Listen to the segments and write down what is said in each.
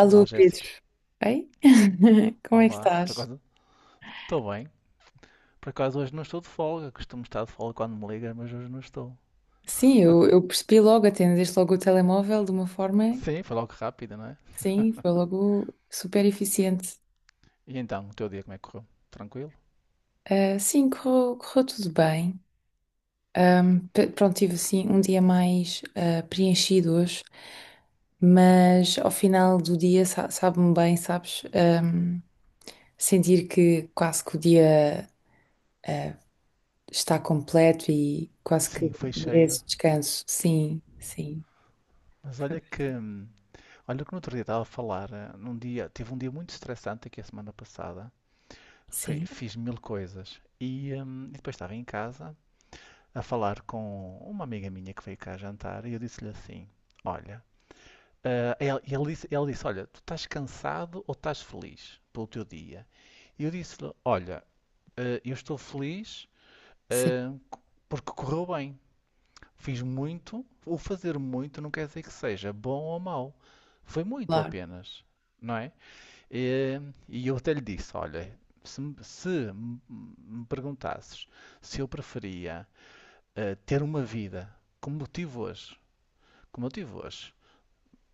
Olá, Pedro. Jéssica. Ei? Como é que Olá. Por estás? acaso, estou bem. Por acaso, hoje não estou de folga. Costumo estar de folga quando me ligas, mas hoje não estou. Sim, eu percebi logo, atendeste logo o telemóvel de uma forma, Sim, foi logo rápido, não é? sim, foi logo super eficiente. E então, o teu dia como é que correu? Tranquilo? Ah, sim, correu tudo bem. Pronto, tive assim um dia mais preenchido hoje, mas ao final do dia sabe-me bem, sabes? Sentir que quase que o dia está completo e quase que Sim, foi cheia. merece descanso. Sim, sim, Mas olha que. Olha que no outro dia estava a falar. Num dia, tive um dia muito estressante aqui a semana passada. Sim, Fiz mil coisas. E depois estava em casa a falar com uma amiga minha que veio cá jantar e eu disse-lhe assim: Olha, ele disse, olha, tu estás cansado ou estás feliz pelo teu dia? E eu disse-lhe, olha, eu estou feliz, sim, ah, c- porque correu bem. Fiz muito, o fazer muito não quer dizer que seja bom ou mau. Foi muito claro. apenas, não é? Eh, E eu até lhe disse, olha, se, me se me- me perguntasses se eu preferia ter uma vida como eu tive hoje, como eu tive hoje,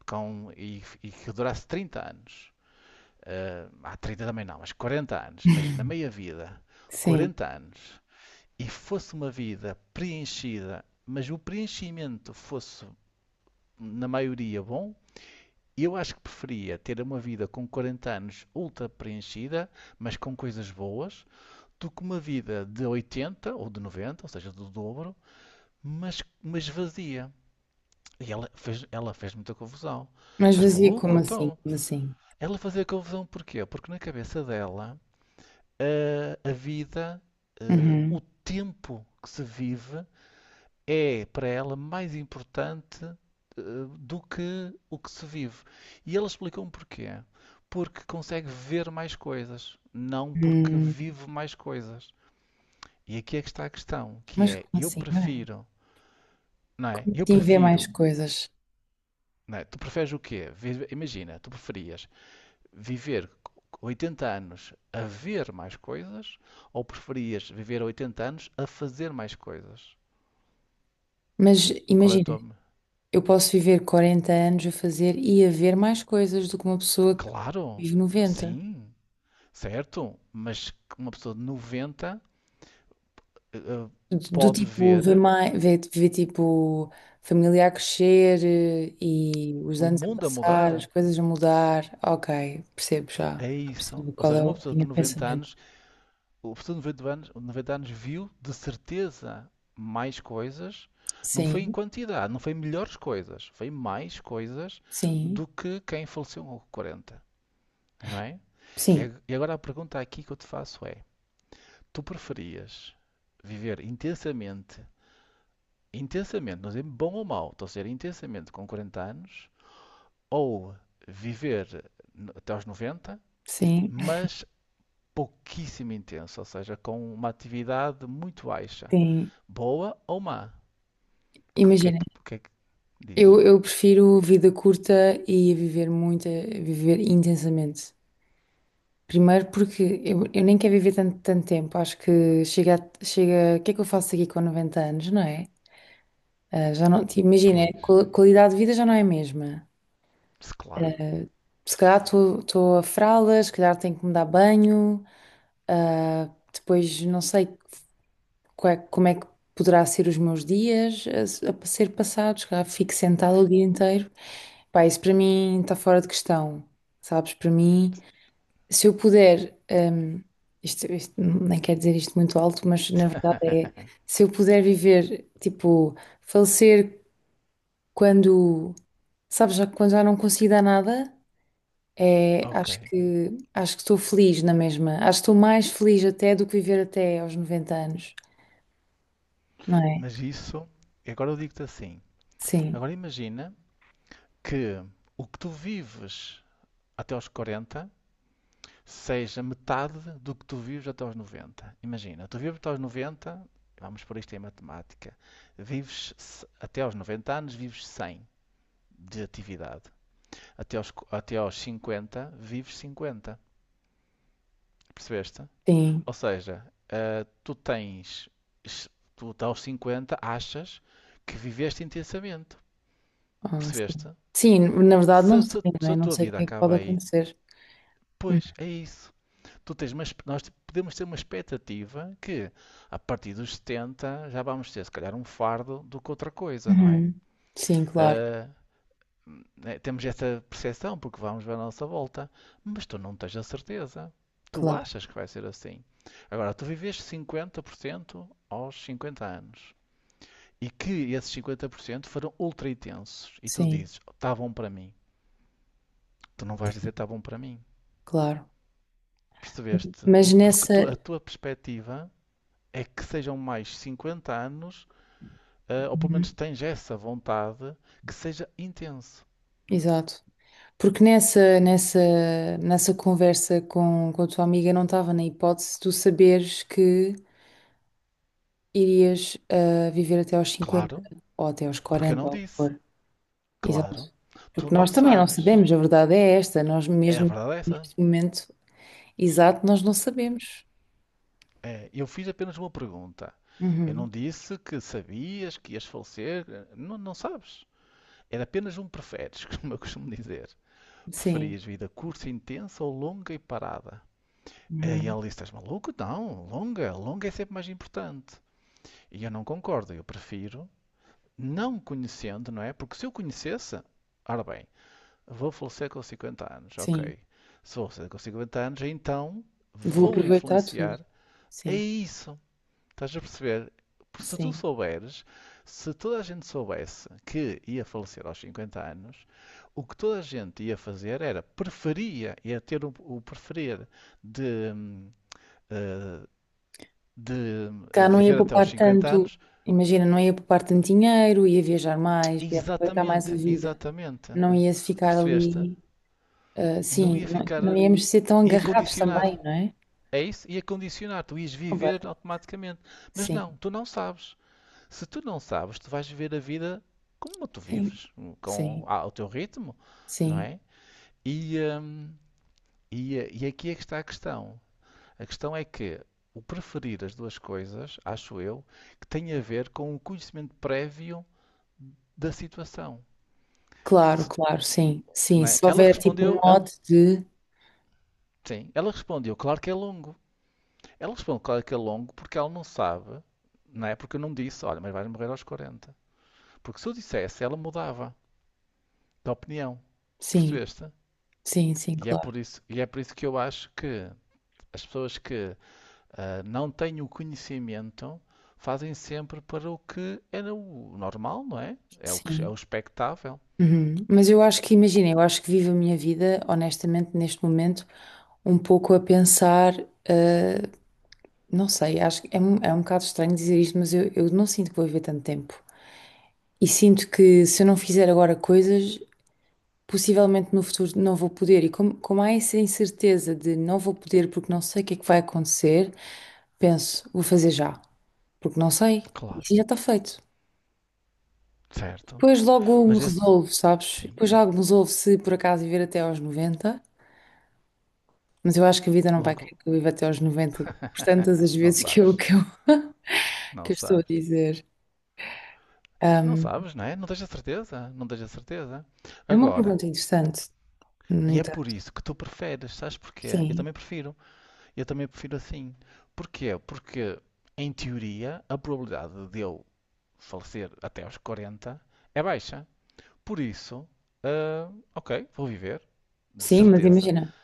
e que durasse 30 anos, eh, há 30 também não, mas 40 anos, imagina, na meia vida, Sim. 40 anos, e fosse uma vida preenchida, mas o preenchimento fosse, na maioria, bom, eu acho que preferia ter uma vida com 40 anos ultra preenchida, mas com coisas boas, do que uma vida de 80 ou de 90, ou seja, do dobro, mas vazia. Ela fez muita confusão. Mas Estás vazio como maluco? assim? Então, Como assim? ela fazia confusão porquê? Porque na cabeça dela a vida, o Uhum. tempo que se vive é para ela mais importante do que o que se vive. E ele explicou-me porquê. Porque consegue ver mais coisas, não porque Hum, vive mais coisas. E aqui é que está a questão, que mas é, como eu assim? Não é? prefiro, não é? Como Eu assim, ver mais prefiro, coisas? não é? Tu preferes o quê? Imagina, tu preferias viver 80 anos a ver mais coisas ou preferias viver 80 anos a fazer mais coisas? Mas Qual é a imagina, tua. eu posso viver 40 anos a fazer e a ver mais coisas do que uma pessoa que Claro, vive 90. sim, certo, mas uma pessoa de 90 eh, eh, Do pode tipo, ver ver mais, ver tipo, família a crescer e os o anos a mundo a passar, as mudar. coisas a mudar. Ok, percebo já. É isso. Percebo Ou qual é seja, uma a pessoa linha de de 90 pensamento. anos, o professor de 90 anos, 90 anos viu de certeza mais coisas, não foi em Sim, quantidade, não foi melhores coisas, foi mais coisas sim, do que quem faleceu com 40, não é? sim, E agora a pergunta aqui que eu te faço é: tu preferias viver intensamente, intensamente, não dizer bom ou mau, estou a dizer intensamente com 40 anos, ou viver até aos 90, sim, mas pouquíssimo intenso, ou seja, com uma atividade muito baixa? sim. Boa ou má? Imagina. É que diz? Eu prefiro vida curta e a viver muito, a viver intensamente. Primeiro porque eu nem quero viver tanto, tanto tempo. Acho que chega, chega. O que é que eu faço aqui com 90 anos, não é? Ah, já não, imagina, a Pois, qualidade de vida já não é a mesma. claro. Se calhar estou a fraldas, se calhar tenho que me dar banho. Ah, depois, não sei, como é que poderá ser os meus dias a ser passados, cá fico sentada o dia inteiro. Pá, isso para mim está fora de questão, sabes? Para mim, se eu puder, isto nem quero dizer isto muito alto, mas na verdade é, se eu puder viver, tipo, falecer quando, sabes, já, quando já não consigo dar nada, é, Ok. Acho que estou feliz na mesma, acho que estou mais feliz até do que viver até aos 90 anos, não é? Mas isso, agora eu digo-te assim. Sim, Agora imagina que o que tu vives até aos 40 seja metade do que tu vives até aos 90. Imagina, tu vives até aos 90, vamos por isto em matemática, vives até aos 90 anos, vives 100 de atividade. Até aos 50, vives 50. Percebeste? sim. Ou seja, eh, tu tens, tu tá aos 50 achas que viveste intensamente, Ah, sim. percebeste? Sim, na verdade não sei, não Se é? a Não tua sei o vida que é que pode acaba aí, acontecer. pois é isso. Tu tens uma, expe- nós podemos ter uma expectativa que a partir dos 70 já vamos ter se calhar um fardo do que outra coisa, não é? Uhum. Sim, claro, Eh, né, temos essa percepção porque vamos ver à nossa volta, mas tu não tens a certeza. Tu claro, achas que vai ser assim. Agora, tu viveste 50% aos 50 anos, e que esses 50% foram ultra intensos e tu sim, dizes, está bom para mim. Tu não vais dizer está bom para mim. claro. Percebeste? Mas nessa. A tua perspectiva é que sejam mais 50 anos, ou pelo Uhum. menos tens essa vontade, que seja intenso. Exato. Porque nessa conversa com a tua amiga não estava na hipótese de tu saberes que irias viver até aos 50 Claro, ou até aos porque eu 40 não ou o que disse. for. Claro, Exato. tu Porque não nós também não sabes. sabemos, a verdade é esta, nós É, a mesmo verdade é essa. neste momento exato, nós não sabemos. É, eu fiz apenas uma pergunta. Eu Uhum. não disse que sabias que ias falecer. Não sabes. Era apenas um preferes, como eu costumo dizer. Sim, Preferias vida curta e intensa ou longa e parada? E uhum, ele disse: Estás maluco? Não, longa. Longa é sempre mais importante. E eu não concordo. Eu prefiro, não conhecendo, não é? Porque se eu conhecesse, ora bem, vou falecer com 50 anos, sim. ok. Se vou falecer com 50 anos, então Vou vou aproveitar tudo. influenciar. É Sim, isso. Estás a perceber? Porque se tu sim. souberes, se toda a gente soubesse que ia falecer aos 50 anos, o que toda a gente ia fazer era preferia, ia ter o preferir de, eh, de Cá não ia viver até poupar aos 50 tanto, anos. imagina, não ia poupar tanto dinheiro, ia viajar mais, ia aproveitar mais a Exatamente, vida. exatamente. Não ia ficar Percebeste? ali, Não ia sim, não, ficar, não íamos ser tão ia agarrados condicionar. também, não é? É isso? Ia condicionar, tu ias viver Completa. automaticamente. Mas Sim, não, tu não sabes. Se tu não sabes, tu vais viver a vida como tu sim, vives, com sim, o teu ritmo, não sim. é? E, e aqui é que está a questão. A questão é que o preferir as duas coisas, acho eu, que tem a ver com o conhecimento prévio da situação. Claro, Se- claro, sim, sim. não é? Se houver tipo um mote de. Sim, ela respondeu, claro que é longo. Ela respondeu, claro que é longo, porque ela não sabe, não é? Porque eu não disse, olha, mas vais morrer aos 40. Porque se eu dissesse, ela mudava de opinião. Sim, Percebeste? sim, sim, claro. E é por isso que eu acho que as pessoas que não têm o conhecimento fazem sempre para o que era o normal, não é? É o que é o Sim. expectável. Uhum. Mas eu acho que, imagina, eu acho que vivo a minha vida, honestamente, neste momento, um pouco a pensar, eh, não sei, acho que é, é um bocado estranho dizer isto, mas eu não sinto que vou viver tanto tempo. E sinto que se eu não fizer agora coisas, possivelmente no futuro não vou poder. E como há essa incerteza de não vou poder porque não sei o que é que vai acontecer, penso, vou fazer já, porque não sei, Claro, isso já está feito. certo. Depois logo me Mas esse, resolvo, sabes? sim, Depois logo me resolvo se por acaso viver até aos 90. Mas eu acho que a vida não vai logo querer que eu viva até aos 90, por tantas as não vezes que eu, sabes, que eu, não que eu estou a sabes. dizer. Não Ahm, sabes, não é? Não tens a certeza, É uma Agora, pergunta interessante, no e é entanto. por isso que tu preferes, sabes porquê? Sim, Eu também prefiro assim. Porquê? Porque, em teoria, a probabilidade de eu falecer até aos 40 é baixa. Por isso, ok, vou viver, de sim, mas certeza. imagina,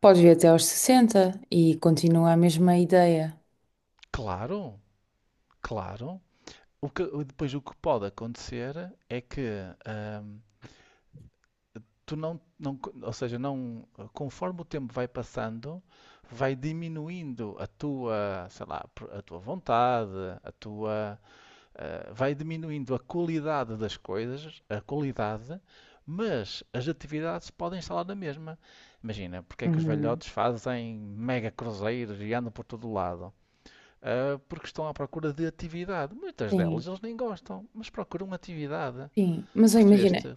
podes vir até aos 60 e continua a mesma ideia. Claro, claro. Depois o que pode acontecer é que ahm, tu não, não, ou seja, não, conforme o tempo vai passando, vai diminuindo a tua, sei lá, a tua vontade, a tua vai diminuindo a qualidade das coisas, a qualidade, mas as atividades podem instalar na mesma. Imagina, porque é que os Uhum. velhotes fazem mega cruzeiros e andam por todo o lado? Porque estão à procura de atividade. Muitas Sim, delas eles nem gostam, mas procuram atividade. sim. Mas eu imagina, Percebeste?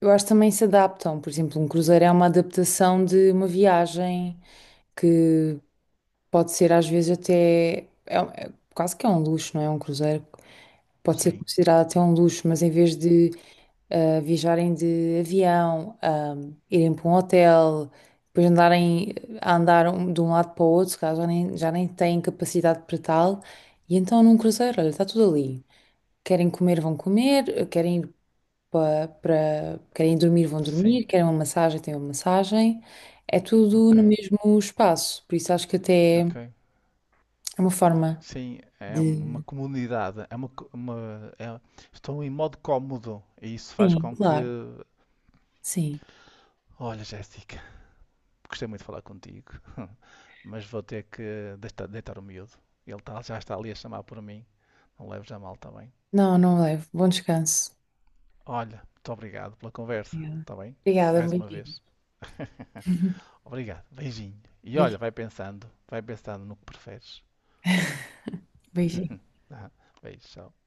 eu acho que também se adaptam. Por exemplo, um cruzeiro é uma adaptação de uma viagem que pode ser às vezes até. É, quase que é um luxo, não é? Um cruzeiro pode ser Sim, considerado até um luxo, mas em vez de viajarem de avião, irem para um hotel, depois andarem a andar de um lado para o outro, se calhar já nem têm capacidade para tal. E então num cruzeiro, olha, está tudo ali. Querem comer, vão comer, querem ir querem dormir, vão sim, dormir, querem uma massagem, têm uma massagem. É tudo ok, no mesmo espaço, por isso acho que até é ok. uma forma Sim, é uma de. comunidade, é estão em modo cómodo e isso faz Sim, com que. claro, sim. Olha, Jéssica, gostei muito de falar contigo, mas vou ter que deitar, deitar o miúdo. Já está ali a chamar por mim. Não leves a mal, está bem? Não, não levo. Bom descanso. Olha, muito obrigado pela conversa, Obrigada. está bem? Obrigada, um Mais uma beijinho. vez. Obrigado, beijinho. E olha, Beijo- vai pensando no que preferes. Beijinho. Ah, beijo, tchau.